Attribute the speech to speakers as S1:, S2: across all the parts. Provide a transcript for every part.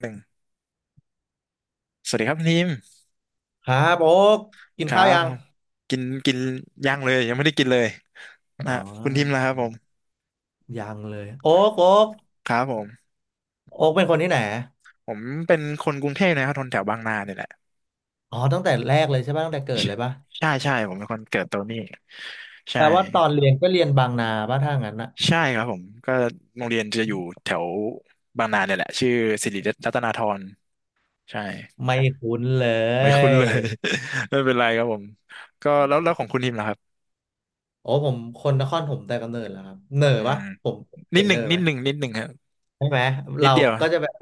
S1: หนึ่งสวัสดีครับคุณทีม
S2: ครับโอ๊กกิ
S1: ค
S2: น
S1: รั
S2: ข้าว
S1: บ
S2: ยั
S1: ผ
S2: ง
S1: มกินกินย่างเลยยังไม่ได้กินเลย
S2: อ๋
S1: นะ
S2: อ
S1: ฮะคุณทีมนะครับผม
S2: ยังเลยโอ๊กโอ๊ก
S1: ครับผม
S2: โอ๊กเป็นคนที่ไหน
S1: ผมเป็นคนกรุงเทพนะครับคนแถวบางนาเนี่ยแหละ
S2: อ๋อตั้งแต่แรกเลยใช่ป่ะตั้งแต่เกิดเลยป่ะ
S1: ใช่ใช่ผมเป็นคนเกิดตรงนี้
S2: แป
S1: ใช่
S2: ลว่าตอนเรียนก็เรียนบางนาป่ะถ้างั้นอะ
S1: ใช่ครับผมก็โรงเรียนจะอยู่แถวบางนาเนี่ยแหละชื่อสิริรัตนาธรใช่
S2: ไม่คุ้นเล
S1: ไม่คุ้น
S2: ย
S1: เลย ไม่เป็นไรครับผมก็แล้วของคุณทีมล่ะครับ
S2: โอ้ผมคนนครผมแต่กำเนิดแล้วครับเหน่อ
S1: อื
S2: ปะ
S1: ม
S2: ผม
S1: นิ
S2: เสี
S1: ด
S2: ยง
S1: ห
S2: เห
S1: นึ่
S2: น่
S1: ง
S2: อ
S1: นิ
S2: ไหม
S1: ดหนึ่งนิดหนึ่งครับ
S2: ใช่ไหม
S1: นิ
S2: เรา
S1: ดเดียว
S2: ก็จะแบบ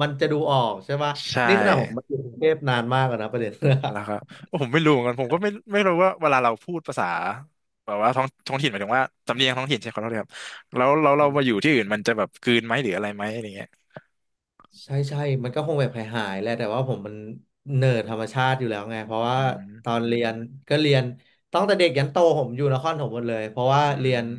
S2: มันจะดูออกใช่ปะ
S1: ใช่
S2: นี่ขนาดผมมาอยู่กรุงเทพนานมากแล้วนะประเด็น
S1: แล้วครับผมไม่รู้เหมือนกันผมก็ไม่รู้ว่าเวลาเราพูดภาษาแบบว่าท้องถิ่นหมายถึงว่าสำเนียงท้องถิ่นใช่ขอโทษครับแล้วเรา มาอยู่ที่อื่นมันจะแบบกลืนไหมหรืออะไรไหมอะไรเงี้ย
S2: ใช่ใช่มันก็คงแบบหายๆแหละแต่ว่าผมมันเนิร์ดธรรมชาติอยู่แล้วไงเพราะ
S1: อื
S2: ว่าตอ
S1: ม
S2: นเรียนก็เรียนตั้งแต่เด็กยันโตผมอยู่นครปฐมหมดเลยเพราะว่า
S1: อื
S2: เรียน
S1: ม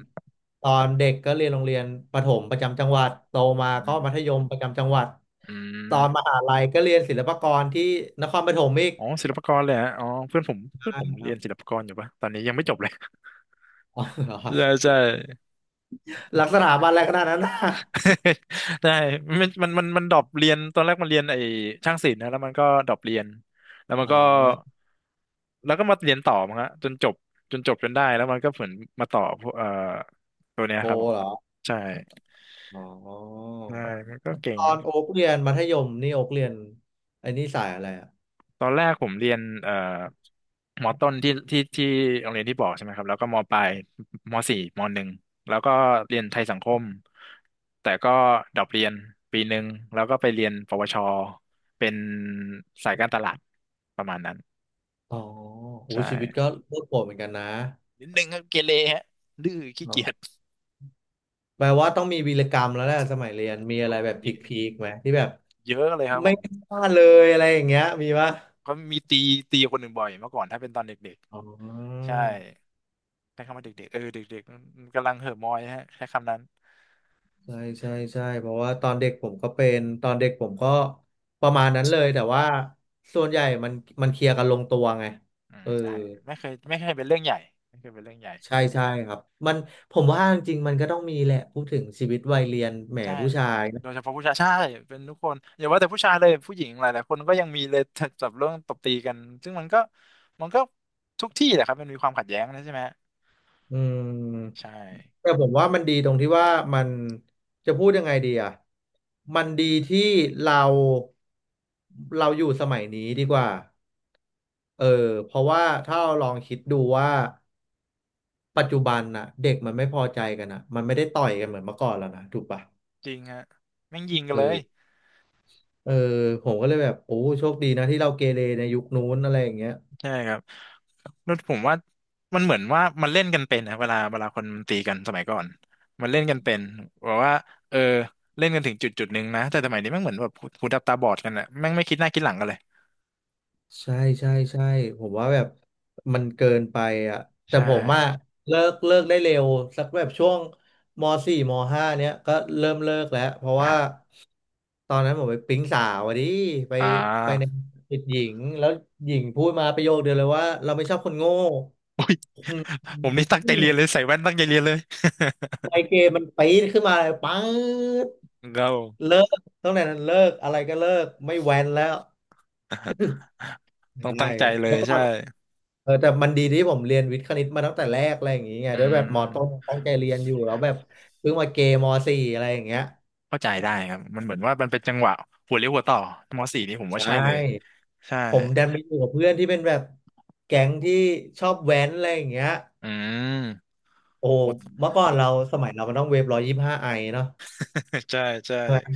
S2: ตอนเด็กก็เรียนโรงเรียนประถมประจำจังหวัดโตมา
S1: อื
S2: ก็มั
S1: ม
S2: ธยมประจำจังหวัด
S1: อื
S2: ตอนม
S1: ม
S2: หาลัยก็เรียนศิลปากรที่นครปฐมอีก
S1: อ๋อศิลปากรเลยฮะอ๋อเพื่อนผมเพื่อน
S2: ใช่
S1: ผม
S2: ค
S1: เรี
S2: รั
S1: ย
S2: บ
S1: นศิลปากรอยู่ปะตอนนี้ยังไม่จบเลย
S2: อ๋อเหรอครั
S1: ใช่
S2: บ
S1: ใช่
S2: ลักษณะบันอะไรขนาดนั้นนะ
S1: ใช่มันดรอปเรียนตอนแรกมันเรียนไอ้ช่างศิลป์นะแล้วมันก็ดรอปเรียนแล้วมัน
S2: อ่
S1: ก็
S2: า
S1: แล้วก็มาเรียนต่อมั้งฮะจนจบจนจบจนได้แล้วมันก็เหมือนมาต่อพวกตัวเนี้ย
S2: โท
S1: ครับผม
S2: เหรอ
S1: ใช่
S2: อ๋อ
S1: ใช่มันก็เก่
S2: ต
S1: ง
S2: อนโอ๊กเรียนมัธยมนี่โอ๊กเรียนไอ้นี่สายอะไรอะ
S1: ตอนแรกผมเรียนมอต้นที่โรงเรียนที่บอกใช่ไหมครับแล้วก็มอปลายมอสี่มอหนึ่งแล้วก็เรียนไทยสังคมแต่ก็ดรอปเรียนปีหนึ่งแล้วก็ไปเรียนปวชเป็นสายการตลาดประมาณนั้น
S2: อ๋อโห
S1: ใ
S2: ชีวิต
S1: ช่
S2: ก็โลดโผนเหมือนกันนะ
S1: นิดนึงครับเกเรฮะดื้อขี้
S2: เอ
S1: เกี
S2: อ
S1: ยจ
S2: แปลว่าต้องมีวีรกรรมแล้วแหละสมัยเรียนมี
S1: เ
S2: อะไรแบบพ
S1: ยอะ
S2: ีคๆไหมที่แบบ
S1: เยอะเลยครับผ
S2: ไม่
S1: ม
S2: กล้าเลยอะไรอย่างเงี้ยมีปะ
S1: เขามีตีตีคนหนึ่งบ่อยเมื่อก่อนถ้าเป็นตอนเด็ก
S2: อ๋
S1: ๆ
S2: อ
S1: ใช่ใช้คำว่าเด็กๆเออเด็กๆกำลังเห่อะมอยฮะใช้คำนั้น
S2: ใช่ใช่ใช่เพราะว่าตอนเด็กผมก็เป็นตอนเด็กผมก็ประมาณนั้นเลยแต่ว่าส่วนใหญ่มันเคลียร์กันลงตัวไง
S1: อืม
S2: เออ
S1: ใช่ไม่เคยไม่เคยเป็นเรื่องใหญ่ไม่เคยเป็นเรื่องใหญ่
S2: ใช่ใช่ครับมันผมว่าจริงๆมันก็ต้องมีแหละพูดถึงชีวิตวัยเรียนแหม
S1: ใช่
S2: ผู้ชาย
S1: โดยเฉพาะผู้ชายใช่เป็นทุกคนอย่าว่าแต่ผู้ชายเลยผู้หญิงหลายๆคนก็ยังมีเลย จับเรื่องตบตีกันซึ่งมันก็ทุกที่แหละครับมันมีความขัดแย้งนะใช่ไหม
S2: อืม
S1: ใช่
S2: แต่ผมว่ามันดีตรงที่ว่ามันจะพูดยังไงดีอ่ะมันดีที่เราอยู่สมัยนี้ดีกว่าเออเพราะว่าถ้าเราลองคิดดูว่าปัจจุบันน่ะเด็กมันไม่พอใจกันอ่ะมันไม่ได้ต่อยกันเหมือนเมื่อก่อนแล้วนะถูกปะ
S1: จริงฮะแม่งยิงกันเลย
S2: เออเออผมก็เลยแบบโอ้โชคดีนะที่เราเกเรในยุคนู้นอะไรอย่างเงี้ย
S1: ใช่ครับ แล้วผมว่ามันเหมือนว่ามันเล่นกันเป็นนะเวลาคนมันตีกันสมัยก่อนมันเล่นกันเป็นบอกว่าเออเล่นกันถึงจุดจุดหนึ่งนะแต่สมัยนี้แม่งเหมือนแบบหูดับตาบอดกันอะแม่งไม่คิดหน้าคิดหลังกันเลย
S2: ใช่ใช่ใช่ผมว่าแบบมันเกินไปอ่ะแต่
S1: ใช่
S2: ผมอะเลิกได้เร็วสักแบบช่วงมสี่มห้าเนี้ยก็เริ่มเลิกแล้วเพราะว่า
S1: อ่ะ
S2: ตอนนั้นผมไปปิ๊งสาวอะดิไป
S1: อ่
S2: ใน
S1: า
S2: ติดหญิงแล้วหญิงพูดมาประโยคเดียวเลยว่าเราไม่ชอบคนโง่
S1: อุ้ย
S2: อ
S1: ผมนี่ตั้งใจ
S2: ื
S1: เรีย
S2: ม
S1: นเลยใส่แว่นตั้งใจเรียนเลย
S2: ไมเกรนมันปี๊ดขึ้นมาเลยปัง
S1: เกา
S2: เลิกตั้งแต่นั้นเลิกอะไรก็เลิกไม่แว้นแล้ว
S1: ต้อง
S2: ใช่
S1: ตั้งใจเลย
S2: เมื่อก่อ
S1: ใช่
S2: น เออแต่มันดีที่ผมเรียนวิทย์คณิตมาตั้งแต่แรกอะไรอย่างงี้ไงด้
S1: อื
S2: วยแบบม
S1: ม
S2: ต้นตั้งใจเรียนอยู่แล้วแบบเพิ่งมาเกมสี่อะไรอย่างเงี้ย
S1: เข้าใจได้ครับมันเหมือนว่ามันเป็นจังหวะหัวเลี้ยวหัวต่อมสี่นี่ผม
S2: ใช
S1: ว่าใช่เลย
S2: ่
S1: ใช่
S2: ผมดันไปอยู่กับเพื่อนที่เป็นแบบแก๊งที่ชอบแว้นอะไรอย่างเงี้ย
S1: อืม
S2: โอ้เมื่อก่อนเราสมัยเรามันต้องเวฟ125ไอเนาะ
S1: ใช่ใช่
S2: ใช่ไหม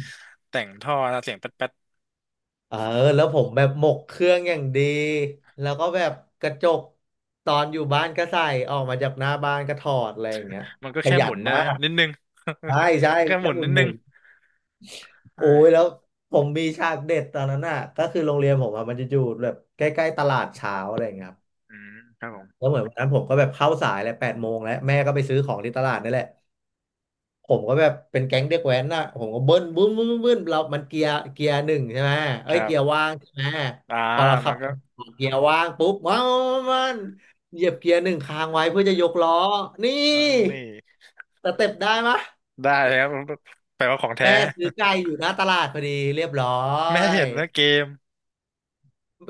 S1: แต่งท่อนะเสียงแป๊ดแป๊ด
S2: เออแล้วผมแบบหมกเครื่องอย่างดีแล้วก็แบบกระจกตอนอยู่บ้านก็ใส่ออกมาจากหน้าบ้านก็ถอดอะไรอย่างเงี้ย
S1: มันก็
S2: ประ
S1: แค่
S2: หยั
S1: หมุ
S2: ด
S1: นนะ
S2: มา
S1: ฮะ
S2: ก
S1: นิดนึง
S2: ใช่ใช่
S1: แล้วก็ห
S2: แค่
S1: มุน
S2: หมุ
S1: นิ
S2: น
S1: ด
S2: ห
S1: นึ
S2: มุ
S1: ง
S2: น
S1: ใ
S2: โอ้ยแล้ว
S1: ช่
S2: ผมมีฉากเด็ดตอนนั้นน่ะก็คือโรงเรียนผมอะมันจะอยู่แบบใกล้ๆตลาดเช้าอะไรอย่างเงี้ยครับ
S1: อืมครับผม
S2: แล้วเหมือนวันนั้นผมก็แบบเข้าสายแหละ8 โมงแล้วแม่ก็ไปซื้อของที่ตลาดนี่แหละผมก็แบบเป็นแก๊งเด็กแว้นน่ะผมก็เบิ้ลบึ้มบึ้มบึ้มบึ้มเรามันเกียร์เกียร์หนึ่งใช่ไหมเอ้
S1: ค
S2: ย
S1: รั
S2: เกียร์
S1: บ
S2: ว่างใช่ไหม
S1: อ่า
S2: พอเราขั
S1: มัน
S2: บ
S1: ก็
S2: เกียร์ว่างปุ๊บว้าวมันเหยียบเกียร์หนึ่งค้างไว้เพื่อจะยกล้อนี่
S1: เออนี่
S2: สเต็ปได้มะ
S1: ได้เลยครับแปลว่าของแท้
S2: แม่ซื้อ ไก่อยู่หน้าตลาดพอดีเรียบร้อ
S1: แม่
S2: ย
S1: เห็นนะเกม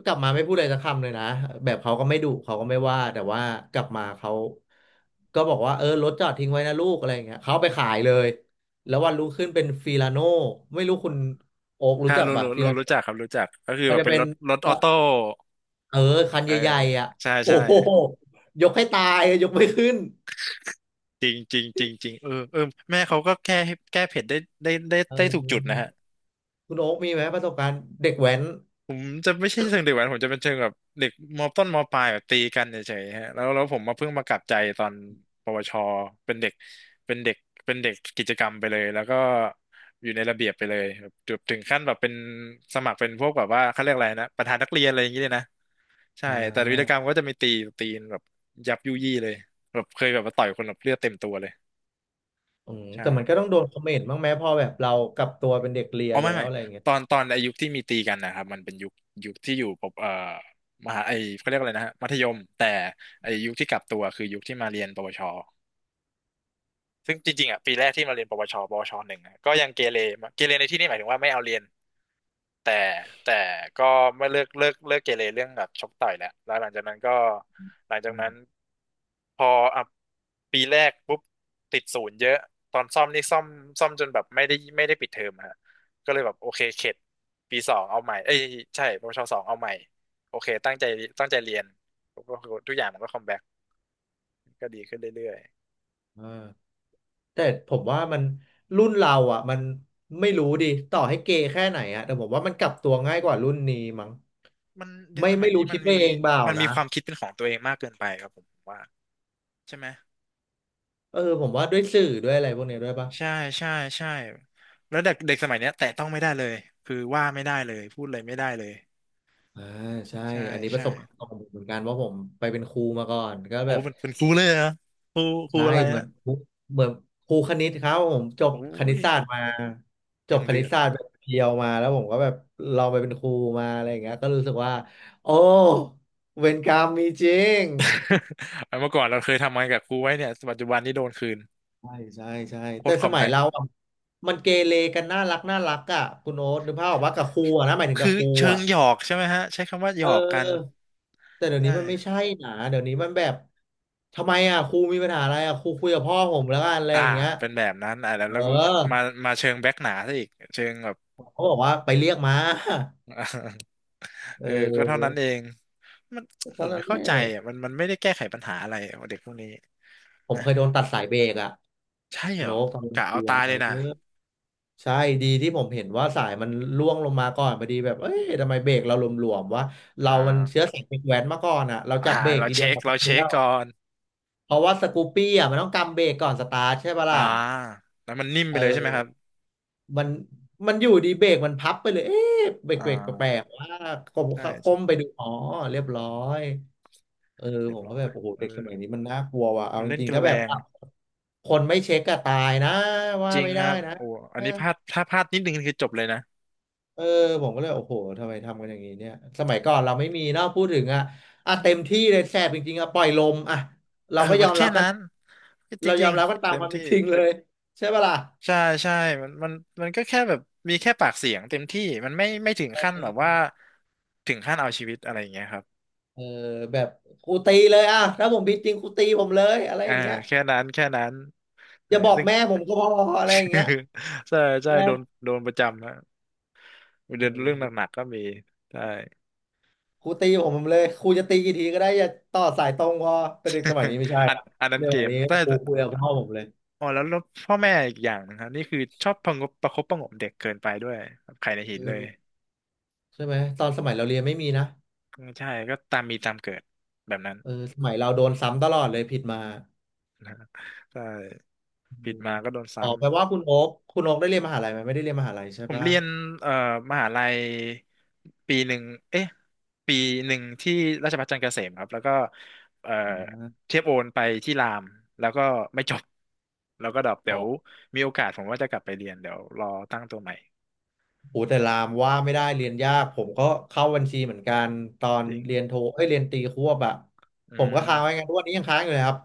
S2: กลับมาไม่พูดอะไรสักคำเลยนะแบบเขาก็ไม่ดุเขาก็ไม่ว่าแต่ว่ากลับมาเขาก็บอกว่าเออรถจอดทิ้งไว้นะลูกอะไรอย่างเงี้ยเขาเอาไปขายเลยแล้ววันรุ่งขึ้นเป็นฟิลาโน่ไม่รู้คุณโอ๊ก
S1: ค
S2: รู้
S1: รับ
S2: จักป่ะฟิลา
S1: รู้
S2: โน่
S1: จักครับรู้จักก็คือ
S2: มัน
S1: แบบ
S2: จะ
S1: เป็น
S2: เป็
S1: ร
S2: น
S1: ถรถออ
S2: จะ
S1: โต้
S2: เออคัน
S1: เออ
S2: ใหญ่ๆอ่ะ
S1: ใช่
S2: โอ้
S1: ใช่
S2: โหยกให้ตายยกไม่ขึ้น
S1: จริงจริงจริงจริงเออเออแม่เขาก็แก้เผ็ดได้ได้ได้
S2: เอ
S1: ได้ถูกจุดนะ
S2: อ
S1: ฮะ
S2: คุณโอ๊กมีไหมประสบการณ์เด็กแว้น
S1: ผมจะไม่ใช่เชิงเด็กแว้นผมจะเป็นเชิงแบบเด็กมต้นมปลายแบบตีกันเฉยๆฮะแล้วผมมาเพิ่งมากลับใจตอนปวชเป็นเด็กเป็นเด็กเป็นเด็กกิจกรรมไปเลยแล้วก็อยู่ในระเบียบไปเลยแบบถึงขั้นแบบเป็นสมัครเป็นพวกแบบว่าเขาเรียกอะไรนะประธานนักเรียนอะไรอย่างเงี้ยเลยนะใช่
S2: อ่
S1: แต่วีรกร
S2: า
S1: รมก็จะมีตีตีนแบบยับยุยี่เลยแบบเคยแบบมาต่อยคนแบบเลือดเต็มตัวเลย
S2: อืม
S1: ใช่
S2: แต่มันก็ต้องโดนคอมเมนต์บ้างไหมพอแบบเรากลับตัวเป็นเด็กเรีย
S1: อ๋อ
S2: น
S1: ไม่
S2: แล้ว
S1: ไม่
S2: อะไรอย่างเงี้ย
S1: ตอนไอายุคที่มีตีกันนะครับมันเป็นยุคที่อยู่ปบมหาไอเขาเรียกอะไรนะฮะมัธยมแต่ไอยุคที่กลับตัวคือยุคที่มาเรียนปวช ซึ่งจริงๆอ่ะปีแรกที่มาเรียนปวชปวชหนึ่งอะก็ยังเกเรมาเกเรในที่นี่หมายถึงว่าไม่เอาเรียนแต่แต่ก็ไม่เลิกเกเรเรื่องแบบชกต่อยแหละแล้วหลังจากนั้นก็หลังจาก
S2: อื
S1: นั้น
S2: ม
S1: พออ่ะปีแรกปุ๊บติดศูนย์เยอะตอนซ่อมนี่ซ่อมซ่อมจนแบบไม่ได้ปิดเทอมอะฮะก็เลยแบบโอเคเข็ดปีสองเอาใหม่เอ้ยใช่ปวชสองเอาใหม่โอเคตั้งใจเรียนก็ทุกอย่างมันก็คอมแบ็กก็ดีขึ้นเรื่อย
S2: อ่า แต่ผมว่ามันรุ่นเราอ่ะมันไม่รู้ดิต่อให้เกย์แค่ไหนอ่ะแต่ผมว่ามันกลับตัวง่ายกว่ารุ่นนี้มั้ง
S1: มันเด็ก
S2: ไม่
S1: สมัย
S2: ไม่
S1: นี้
S2: รู้
S1: มั
S2: คิ
S1: น
S2: ดไป
S1: มี
S2: เองเปล่า
S1: มันมี
S2: นะ
S1: ความคิดเป็นของตัวเองมากเกินไปครับผมว่าใช่ไหม
S2: เออผมว่าด้วยสื่อด้วยอะไรพวกนี้ด้วยปะ
S1: ใช่ใช่ใช่แล้วเด็กเด็กสมัยเนี้ยแตะต้องไม่ได้เลยคือว่าไม่ได้เลยพูดอะไรไม่ได้เลย
S2: อ่าใช่
S1: ใช่
S2: อันนี้ประ
S1: ใช่
S2: สบการณ์ตรงผมเหมือนกันว่าผมไปเป็นครูมาก่อนก็
S1: โอ้
S2: แบบ
S1: เป็นครูเลยเหรอครูครู
S2: ใช่
S1: อะไร
S2: เหมื
S1: ฮะ
S2: อนครูเหมือนครูคณิตครับผมจบ
S1: โอ้
S2: คณิต
S1: ย
S2: ศาสตร์มาจ
S1: ยั
S2: บ
S1: ง
S2: คณิ
S1: เดือ
S2: ต
S1: ด
S2: ศาสตร์แบบเพียวมาแล้วผมก็แบบลองไปเป็นครูมาอะไรอย่างเงี้ยก็รู้สึกว่าโอ้เวรกรรมมีจริง
S1: เอาเมื่อก่อนเราเคยทำงานกับครูไว้เนี่ยปัจจุบันนี้โดนคืน
S2: ใช่ใช่ใช่
S1: โค
S2: แต่
S1: ตรค
S2: ส
S1: อม
S2: มัย
S1: แบ็ค
S2: เราอะมันเกเรกันน่ารักน่ารักอ่ะคุณโอ๊ตนึกภาพออกว่ากับครูอะนะหมายถึงกั
S1: คื
S2: บ
S1: อ
S2: ครู
S1: เชิง
S2: อ่ะ
S1: หยอกใช่ไหมฮะใช้คำว่าหย
S2: เ
S1: อกกัน
S2: ออแต่เดี๋ยว
S1: ใช่
S2: นี้มันไม่ใช่นะเดี๋ยวนี้มันแบบทำไมอ่ะครูมีปัญหาอะไรอ่ะครูคุยกับพ่อผมแล้วกันอะไร
S1: อ่า
S2: อย่างเงี้ย
S1: เป็นแบบนั้นอ่าแล้ว
S2: เออ
S1: แล้วก็มามาเชิงแบ็คหนาซะอีกเชิงแบบ
S2: เขาบอกว่าไปเรียกมา
S1: อ่า
S2: เอ
S1: เออก็เท่า
S2: อ
S1: นั้นเองมัน
S2: ต
S1: ผ
S2: อน
S1: ม
S2: นั้
S1: ไม่
S2: นแห
S1: เข้า
S2: ละ
S1: ใจอ่ะมันไม่ได้แก้ไขปัญหาอะไรอ่ะเด็กพวกนี้
S2: ผม
S1: นะ
S2: เคยโดนตัดสายเบรกอ่ะ
S1: ใช่
S2: คุ
S1: เห
S2: ณ
S1: รอ
S2: โน๊ตตอนเป็น
S1: กะ
S2: ครู
S1: เอาตาย
S2: อะเอ
S1: เล
S2: อ
S1: ยนะ
S2: ใช่ดีที่ผมเห็นว่าสายมันล่วงลงมาก่อนพอดีแบบเอ้ยทำไมเบรกเราหลวมๆวะ
S1: อ่
S2: เรามันเชื้อ
S1: า
S2: สายเด็กแว้นมาก่อนอ่ะเรา
S1: อ่า
S2: จับเบรก
S1: เรา
S2: ทีเดีย
S1: เช็
S2: ว
S1: ค
S2: เราก็
S1: เรา
S2: รู้
S1: เช็ค
S2: แล้ว
S1: ก่อน
S2: เพราะว่าสกูปปี้อ่ะมันต้องกำเบรกก่อนสตาร์ทใช่ปะ
S1: อ่า
S2: ล่ะ
S1: แล้วมันนิ่มไป
S2: เอ
S1: เลยใช่ไหมค
S2: อ
S1: รับ
S2: มันมันอยู่ดีเบรกมันพับไปเลยเอ๊ะเบรก
S1: อ่
S2: เบรกแปล
S1: า
S2: กๆว่ากลมก้
S1: ใช่
S2: มไปดูอ๋อเรียบร้อยเออ
S1: เรี
S2: ผ
S1: ยบ
S2: มก็
S1: ร้อ
S2: แบ
S1: ย
S2: บโอ้โห
S1: เอ
S2: เด็กส
S1: อ
S2: มัยนี้มันน่ากลัวว่ะเอา
S1: มัน
S2: จ
S1: เล่น
S2: ริง
S1: กั
S2: ๆ
S1: น
S2: ถ้า
S1: แร
S2: แบบ
S1: ง
S2: คนไม่เช็คก็ตายนะว่า
S1: จริง
S2: ไม่
S1: ค
S2: ได้
S1: รับ
S2: นะ
S1: โอ้อันนี้พลาดถ้าพลาดนิดนึงคือจบเลยนะ
S2: เออผมก็เลยโอ้โหทำไมทำกันอย่างนี้เนี่ยสมัยก่อนเราไม่มีเนาะพูดถึงอ่ะอ่ะเต็มที่เลยแสบจริงๆอ่ะปล่อยลมอ่ะเรา
S1: เออ
S2: ก็ย
S1: มั
S2: อ
S1: น
S2: ม
S1: แค่
S2: รับกัน
S1: นั้นจ
S2: เราย
S1: ริ
S2: อ
S1: ง
S2: มรับกัน
S1: ๆ
S2: ตา
S1: เต็
S2: มค
S1: ม
S2: วามเป็
S1: ที่
S2: นจริงเลยใช่ปะล่ะ
S1: ใช่ใช่มันมันมันก็แค่แบบมีแค่ปากเสียงเต็มที่มันไม่ถึงขั้นแบบว่าถึงขั้นเอาชีวิตอะไรอย่างเงี้ยครับ
S2: เออแบบครูตีเลยอ่ะถ้าผมผิดจริงครูตีผมเลยอะไรอ
S1: อ่า
S2: ย่างเงี้ย
S1: แค่นั้นแค่นั้น
S2: อ
S1: ใช่
S2: ย่าบอก
S1: ซึ่ง
S2: แม่ผมก็พออะไรอย่างเงี้ย
S1: ใช่ใช่โดนประจำนะ
S2: เอ
S1: เรื่อง
S2: อ
S1: หนักๆก็มี ใช่
S2: ครูตีผมเลยครูจะตีกี่ทีก็ได้อย่าต่อสายตรงพอแต่เด็กสมัยนี้ไม่ใช่
S1: อัน
S2: อ่ะ
S1: อันนั้น
S2: เรื่อง
S1: เก
S2: แบบ
S1: ม
S2: นี้
S1: แต่
S2: ครูคุยกับพ่อผมเลย
S1: อ๋อแล้วพ่อแม่อีกอย่างนะครับนี่คือชอบประงบประคบประหงมเด็กเกินไปด้วยครับใครในหิ
S2: เอ
S1: นเลย
S2: อใช่ไหมตอนสมัยเราเรียนไม่มีนะ
S1: ใช่ก็ตามมีตามเกิดแบบนั้น
S2: เออสมัยเราโดนซ้ำตลอดเลยผิดมา
S1: ใช่
S2: อื
S1: ผิด
S2: ม
S1: มาก็โดน
S2: อ๋อ
S1: ซ้ำ
S2: แปลว่าคุณโอ๊คคุณโอ๊คได้เรียนมหาลัยไหมไม่ได้เรียนมหาลัยใช่
S1: ผม
S2: ปะ
S1: เรียนเอ่อมหาลัยปีหนึ่งเอ๊ะปีหนึ่งที่ราชภัฏจันทร์เกษมครับแล้วก็เอ่อ
S2: อ่า
S1: เทียบโอนไปที่รามแล้วก็ไม่จบแล้วก็ดรอปเดี๋
S2: อ๋
S1: ย
S2: อ
S1: ว
S2: ก
S1: มีโอกาสผมว่าจะกลับไปเรียนเดี๋ยวรอตั้งตัวใหม่
S2: โหแต่รามว่าไม่ได้เรียนยากผมก็เข้าบัญชีเหมือนกันตอน
S1: จริง
S2: เรียนโทเอ้ยเรียนตรีควบอะ
S1: อื
S2: ผมก็ค้างไว้ไง
S1: ม
S2: ทุกวันนี้ยังค้างอยู่เลยครับ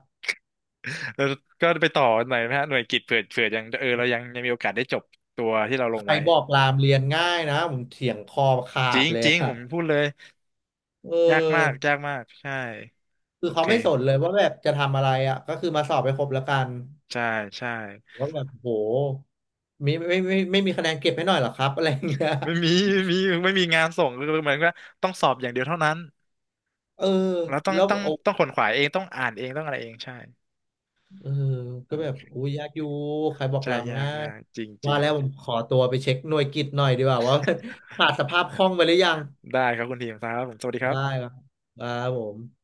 S1: แล้วก็ไปต่อหน่อยไหมฮะหน่วยกิตเผื่อยังเออเรายังมีโอกาสได้จบตัวที่เราล
S2: ใค
S1: ง
S2: ร
S1: ไว้
S2: บอกรามเรียนง่ายนะผมเถียงคอขา
S1: จริ
S2: ด
S1: ง
S2: เลย
S1: จริง
S2: อะ
S1: ผมพูดเลย
S2: เ
S1: ยากมาก
S2: ออ
S1: ยากมากใช่
S2: คื
S1: โอ
S2: อเขา
S1: เค
S2: ไม่สนเลยว่าแบบจะทำอะไรอะก็คือมาสอบไปครบแล้วกัน
S1: ใช่ใช่
S2: ว่าแบบโหมีไม่มีคะแนนเก็บให้หน่อยเหรอครับอะไรอย่างเงี้ย
S1: ไม่มีไม่มีงานส่งคือเหมือนว่าต้องสอบอย่างเดียวเท่านั้น
S2: เออ
S1: แล้วต้อง
S2: แล้ว
S1: ต้อง
S2: โอ้
S1: ต้องขวนขวายเองต้องอ่านเองต้องอะไรเองใช่
S2: เออก็แบบอุ้ยยากอยู่ใครบอก
S1: ใช่
S2: ลำ
S1: ยาก
S2: ง่าย
S1: ยากจริงจ
S2: ว่า
S1: ริง
S2: แล้วผมขอตัวไปเช็คหน่วยกิตหน่อยดีกว่าว่า ขาดสภาพคล่องไปหรือยัง
S1: ได้ครับคุณทีมครับผมสวัสดีครั
S2: ได้
S1: บ
S2: ครับครับผม